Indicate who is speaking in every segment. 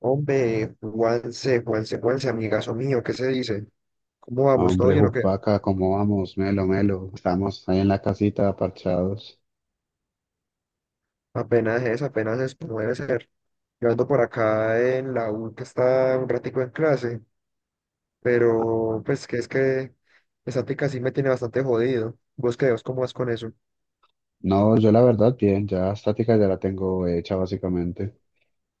Speaker 1: Hombre, Juanse, amigazo mío, ¿qué se dice? ¿Cómo vamos? ¿Todo
Speaker 2: Hombre,
Speaker 1: bien o qué?
Speaker 2: Jupaca, ¿cómo vamos? Melo, melo. Estamos ahí en la casita, parchados.
Speaker 1: Apenas es, como debe ser. Yo ando por acá en la U, que está un ratico en clase, pero pues que es que esa tica sí me tiene bastante jodido. ¿Vos qué, vos cómo vas con eso?
Speaker 2: No, yo la verdad, bien, ya estática ya la tengo hecha básicamente.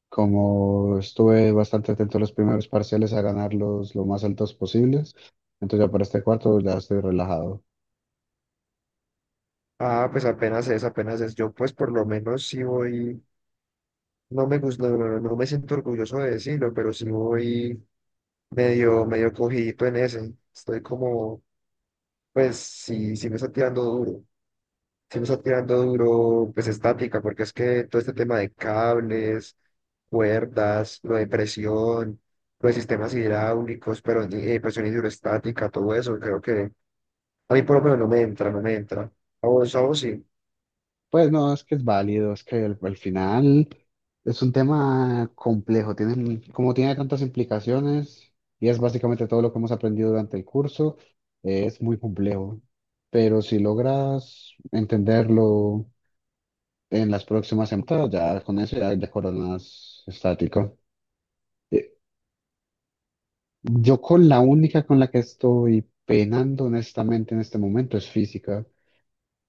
Speaker 2: Como estuve bastante atento a los primeros parciales a ganarlos lo más altos posibles, entonces ya para este cuarto ya estoy relajado.
Speaker 1: Ah, pues apenas es. Yo pues por lo menos sí voy, no me gusta, no me siento orgulloso de decirlo, pero sí voy medio cogidito en ese. Estoy como, pues sí me está tirando duro. Sí me está tirando duro, pues estática, porque es que todo este tema de cables, cuerdas, lo de presión, lo de sistemas hidráulicos, pero presión hidroestática, todo eso, creo que a mí por lo menos no me entra, no me entra. A vos sí.
Speaker 2: Pues no, es que es válido, es que al final es un tema complejo, tiene, como tiene tantas implicaciones y es básicamente todo lo que hemos aprendido durante el curso, es muy complejo, pero si logras entenderlo en las próximas semanas, ya con eso ya, ya coronas estático. Eh, Yo con la única con la que estoy penando honestamente en este momento es física,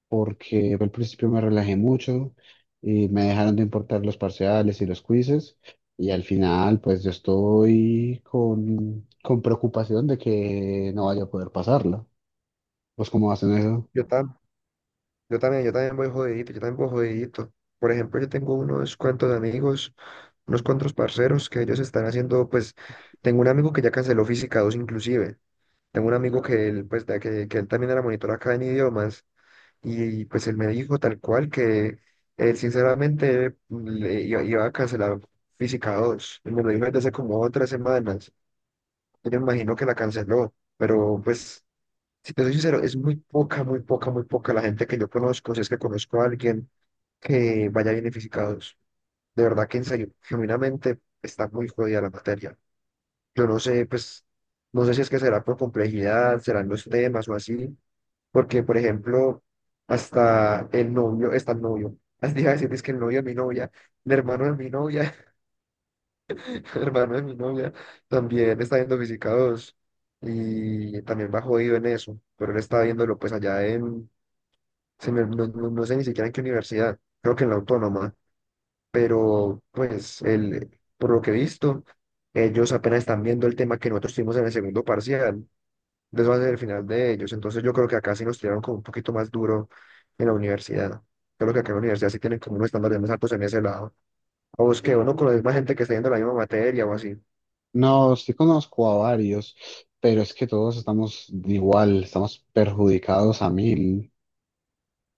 Speaker 2: porque al principio me relajé mucho y me dejaron de importar los parciales y los quizzes y al final pues yo estoy con preocupación de que no vaya a poder pasarla. ¿Pues cómo hacen eso?
Speaker 1: yo, tam- yo también voy jodidito, yo también voy jodidito. Por ejemplo, yo tengo unos cuantos amigos, unos cuantos parceros que ellos están haciendo, pues, tengo un amigo que ya canceló Física 2 inclusive. Tengo un amigo que él, pues, que él también era monitor acá en idiomas. Y pues él me dijo tal cual que él sinceramente iba a cancelar Física 2. Y me lo dijo desde hace como tres semanas. Yo me imagino que la canceló. Pero pues, si te soy sincero, es muy poca la gente que yo conozco, si es que conozco a alguien que vaya bien en Física 2. De verdad que en serio, genuinamente está muy jodida la materia. Yo no sé, pues, no sé si es que será por complejidad, serán los temas o así, porque, por ejemplo, hasta el novio, está el novio. Así iba a decir, es que el novio de mi novia, el hermano de mi novia, el hermano de mi novia, también está viendo Física 2 y también va jodido en eso, pero él está viéndolo pues allá en, se me- no, no- no sé ni siquiera en qué universidad, creo que en la autónoma, pero pues él, por lo que he visto, ellos apenas están viendo el tema que nosotros tuvimos en el segundo parcial. De eso va a ser el final de ellos. Entonces yo creo que acá sí nos tiraron como un poquito más duro en la universidad. Creo que acá en la universidad sí tienen como unos estándares más altos en ese lado. O es que uno con la misma gente que está yendo la misma materia o así.
Speaker 2: No, sí conozco a varios, pero es que todos estamos igual, estamos perjudicados a mil.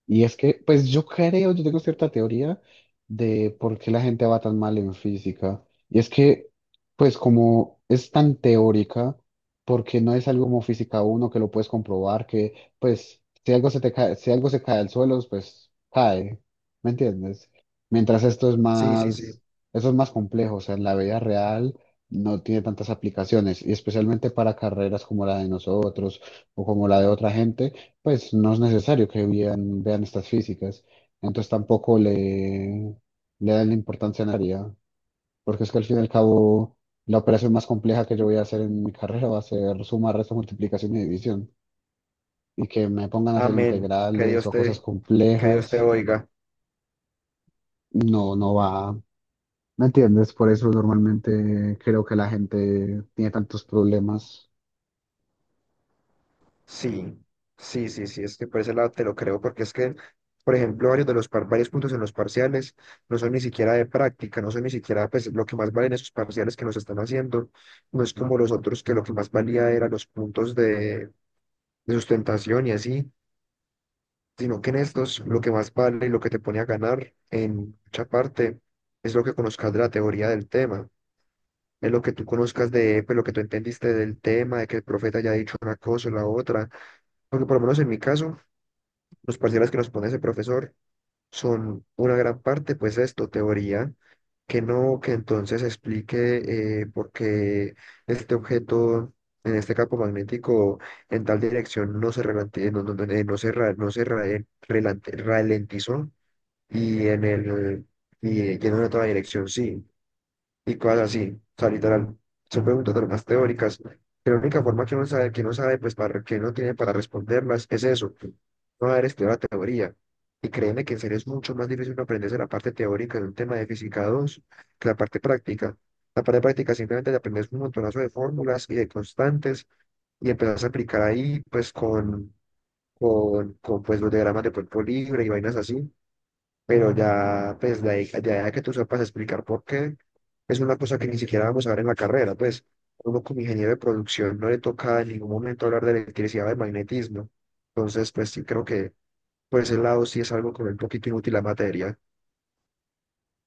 Speaker 2: Y es que, pues yo creo, yo tengo cierta teoría de por qué la gente va tan mal en física. Y es que, pues como es tan teórica, porque no es algo como física uno que lo puedes comprobar, que pues si algo se te cae, si algo se cae al suelo, pues cae, ¿me entiendes? Mientras esto es
Speaker 1: Sí, sí, sí.
Speaker 2: más, eso es más complejo, o sea, en la vida real no tiene tantas aplicaciones, y especialmente para carreras como la de nosotros o como la de otra gente pues no es necesario que vean estas físicas, entonces tampoco le, le dan la importancia necesaria, porque es que al fin y al cabo la operación más compleja que yo voy a hacer en mi carrera va a ser suma, resta, multiplicación y división, y que me pongan a hacer
Speaker 1: Amén.
Speaker 2: integrales o cosas
Speaker 1: Que Dios te
Speaker 2: complejas,
Speaker 1: oiga.
Speaker 2: no, no va, ¿me entiendes? Por eso normalmente creo que la gente tiene tantos problemas.
Speaker 1: Sí, sí, sí, sí. Es que por ese lado te lo creo, porque es que, por ejemplo, varios puntos en los parciales no son ni siquiera de práctica, no son ni siquiera pues lo que más valen esos parciales que nos están haciendo. No es como los otros que lo que más valía eran los puntos de sustentación y así, sino que en estos lo que más vale y lo que te pone a ganar en mucha parte es lo que conozcas de la teoría del tema, es lo que tú conozcas de, pues, lo que tú entendiste del tema, de que el profeta haya dicho una cosa o la otra, porque por lo menos en mi caso, los parciales que nos pone ese profesor, son una gran parte, pues esto, teoría, que no, que entonces explique por qué este objeto en este campo magnético en tal dirección no se, relante- no, no- no- no se, ra- no se ra- relante- ralentizó y en el, y en una otra dirección sí y cosas así. O sea, literal, son preguntas de las más teóricas. Que La única forma que uno sabe, que no sabe, pues para que no tiene para responderlas, es eso, no haber estudiado la teoría. Y créeme que en serio es mucho más difícil uno aprenderse la parte teórica de un tema de física 2 que la parte práctica. La parte práctica simplemente te aprendes un montonazo de fórmulas y de constantes y empezás a aplicar ahí, pues con pues, los diagramas de cuerpo libre y vainas así, pero ya, pues, ya de que tú sepas explicar por qué, es una cosa que ni siquiera vamos a ver en la carrera, pues, uno como ingeniero de producción no le toca en ningún momento hablar de electricidad o de magnetismo, entonces, pues, sí creo que por ese lado sí es algo como un poquito inútil la materia.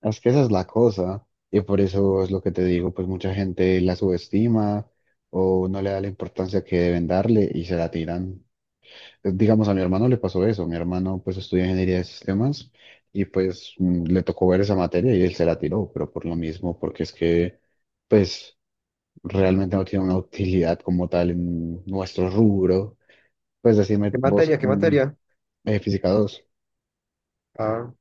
Speaker 2: Es que esa es la cosa, y por eso es lo que te digo, pues mucha gente la subestima o no le da la importancia que deben darle y se la tiran. Digamos, a mi hermano le pasó eso, mi hermano pues estudia ingeniería de sistemas y pues le tocó ver esa materia y él se la tiró, pero por lo mismo, porque es que pues realmente no tiene una utilidad como tal en nuestro rubro. Pues
Speaker 1: ¿Qué
Speaker 2: decime vos,
Speaker 1: materia? ¿Qué materia?
Speaker 2: física dos.
Speaker 1: Ah,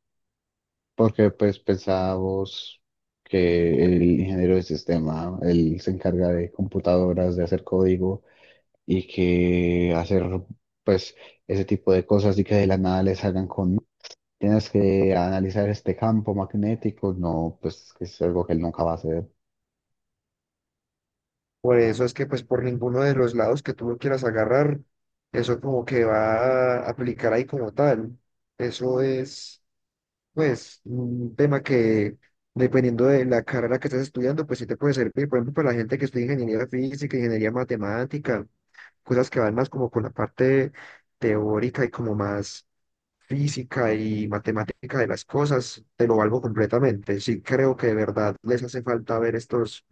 Speaker 2: Porque pues pensábamos que el ingeniero de sistema, él se encarga de computadoras, de hacer código y que hacer pues ese tipo de cosas y que de la nada les hagan con, tienes que analizar este campo magnético, no, pues que es algo que él nunca va a hacer.
Speaker 1: por eso es que, pues, por ninguno de los lados que tú lo quieras agarrar, eso como que va a aplicar ahí como tal, eso es pues un tema que dependiendo de la carrera que estés estudiando, pues sí te puede servir, por ejemplo, para la gente que estudia ingeniería física, ingeniería matemática, cosas que van más como por la parte teórica y como más física y matemática de las cosas, te lo valgo completamente. Sí creo que de verdad les hace falta ver estos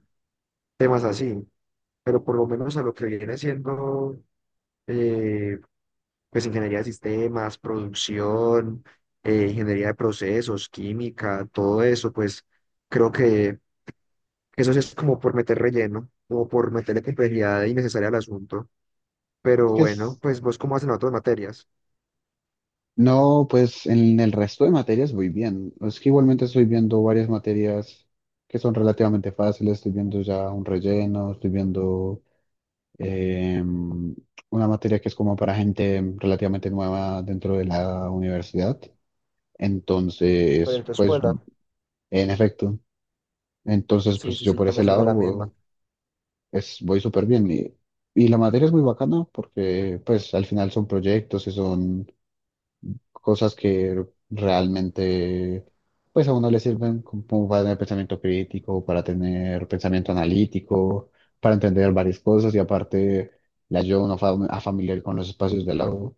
Speaker 1: temas así, pero por lo menos a lo que viene siendo... eh, pues ingeniería de sistemas, producción, ingeniería de procesos, química, todo eso, pues creo que eso sí es como por meter relleno, como por meterle complejidad innecesaria al asunto. Pero
Speaker 2: Es que
Speaker 1: bueno,
Speaker 2: es-
Speaker 1: pues vos cómo hacen otras materias.
Speaker 2: no, pues en el resto de materias muy bien. Es que igualmente estoy viendo varias materias que son relativamente fáciles, estoy viendo ya un relleno, estoy viendo eh, una materia que es como para gente relativamente nueva dentro de la universidad.
Speaker 1: Pero en
Speaker 2: Entonces,
Speaker 1: tu
Speaker 2: pues,
Speaker 1: escuela,
Speaker 2: en efecto, entonces,
Speaker 1: sí,
Speaker 2: pues
Speaker 1: sí,
Speaker 2: yo
Speaker 1: sí,
Speaker 2: por ese
Speaker 1: también se viene la misma.
Speaker 2: lado voy súper bien. Y la materia es muy bacana porque, pues, al final son proyectos y son cosas que realmente pues a uno le sirven como para tener pensamiento crítico, para tener pensamiento analítico, para entender varias cosas y aparte la ayuda a uno a familiar con los espacios de la U,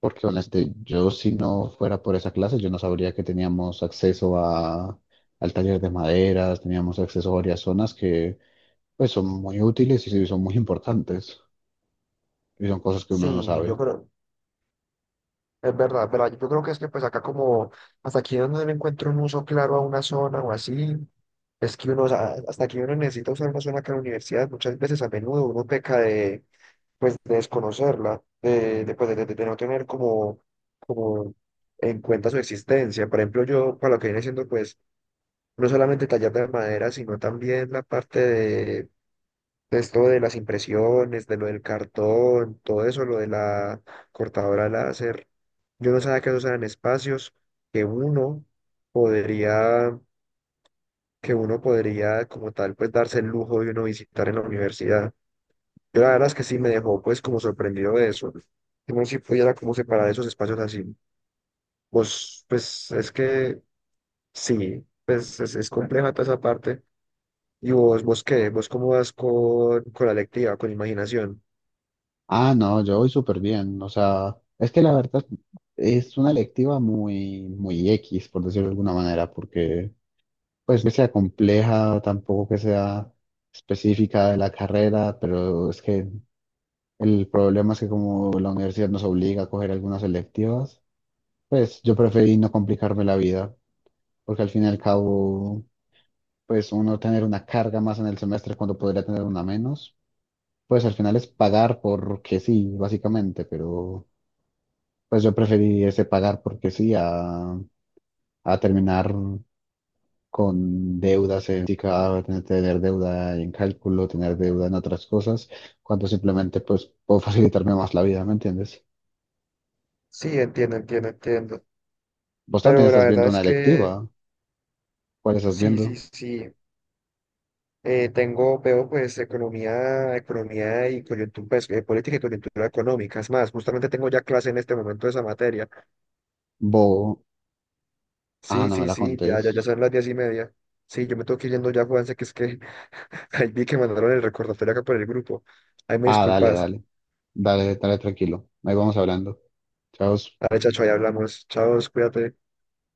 Speaker 2: porque honestamente yo si no fuera por esa clase yo no sabría que teníamos acceso a, al taller de maderas, teníamos acceso a varias zonas que pues son muy útiles y sí son muy importantes y son cosas que uno no
Speaker 1: Sí, yo
Speaker 2: sabe.
Speaker 1: creo, es verdad, es verdad. Yo creo que es que pues acá como, hasta aquí donde le encuentro un uso claro a una zona o así, es que uno, o sea, hasta aquí uno necesita usar una zona que en la universidad muchas veces a menudo uno peca de pues de desconocerla, pues, de no tener como, como en cuenta su existencia. Por ejemplo, yo para lo que viene siendo pues no solamente tallar de madera, sino también la parte de esto de las impresiones, de lo del cartón, todo eso, lo de la cortadora láser. Yo no sabía que esos eran espacios que uno podría, que uno podría como tal pues darse el lujo de uno visitar en la universidad. Yo la verdad es que sí me dejó pues como sorprendido de eso. Que uno sí pudiera como separar esos espacios así. Vos, pues es que sí, pues es compleja toda esa parte. Y vos, vos qué, vos cómo vas con la lectiva, con imaginación.
Speaker 2: Ah, no, yo voy súper bien. O sea, es que la verdad es una electiva muy, muy X, por decirlo de alguna manera, porque pues que sea compleja, tampoco que sea específica de la carrera, pero es que el problema es que como la universidad nos obliga a coger algunas electivas, pues yo preferí no complicarme la vida, porque al fin y al cabo, pues uno tener una carga más en el semestre cuando podría tener una menos, pues al final es pagar porque sí, básicamente, pero... Pues yo preferiría ese pagar porque sí, a terminar con deudas en física, tener deuda en cálculo, tener deuda en otras cosas, cuando simplemente pues puedo facilitarme más la vida, ¿me entiendes?
Speaker 1: Sí, entiendo, entiendo, entiendo.
Speaker 2: Vos también
Speaker 1: Pero la
Speaker 2: estás
Speaker 1: verdad
Speaker 2: viendo una
Speaker 1: es que
Speaker 2: electiva. ¿Cuál estás
Speaker 1: sí, sí,
Speaker 2: viendo?
Speaker 1: sí. Tengo, veo pues economía y coyuntura, política y coyuntura económica. Es más, justamente tengo ya clase en este momento de esa materia.
Speaker 2: Bo. Ah,
Speaker 1: Sí,
Speaker 2: no me
Speaker 1: sí,
Speaker 2: la
Speaker 1: sí,
Speaker 2: contés.
Speaker 1: ya son las 10:30. Sí, yo me tengo que ir yendo ya, Juanse, que es que ahí vi que mandaron el recordatorio acá por el grupo. Ahí me
Speaker 2: Ah, dale,
Speaker 1: disculpas.
Speaker 2: dale. Dale, dale tranquilo. Ahí vamos hablando. Chao.
Speaker 1: Dale, chacho, ahí hablamos. Chao, cuídate.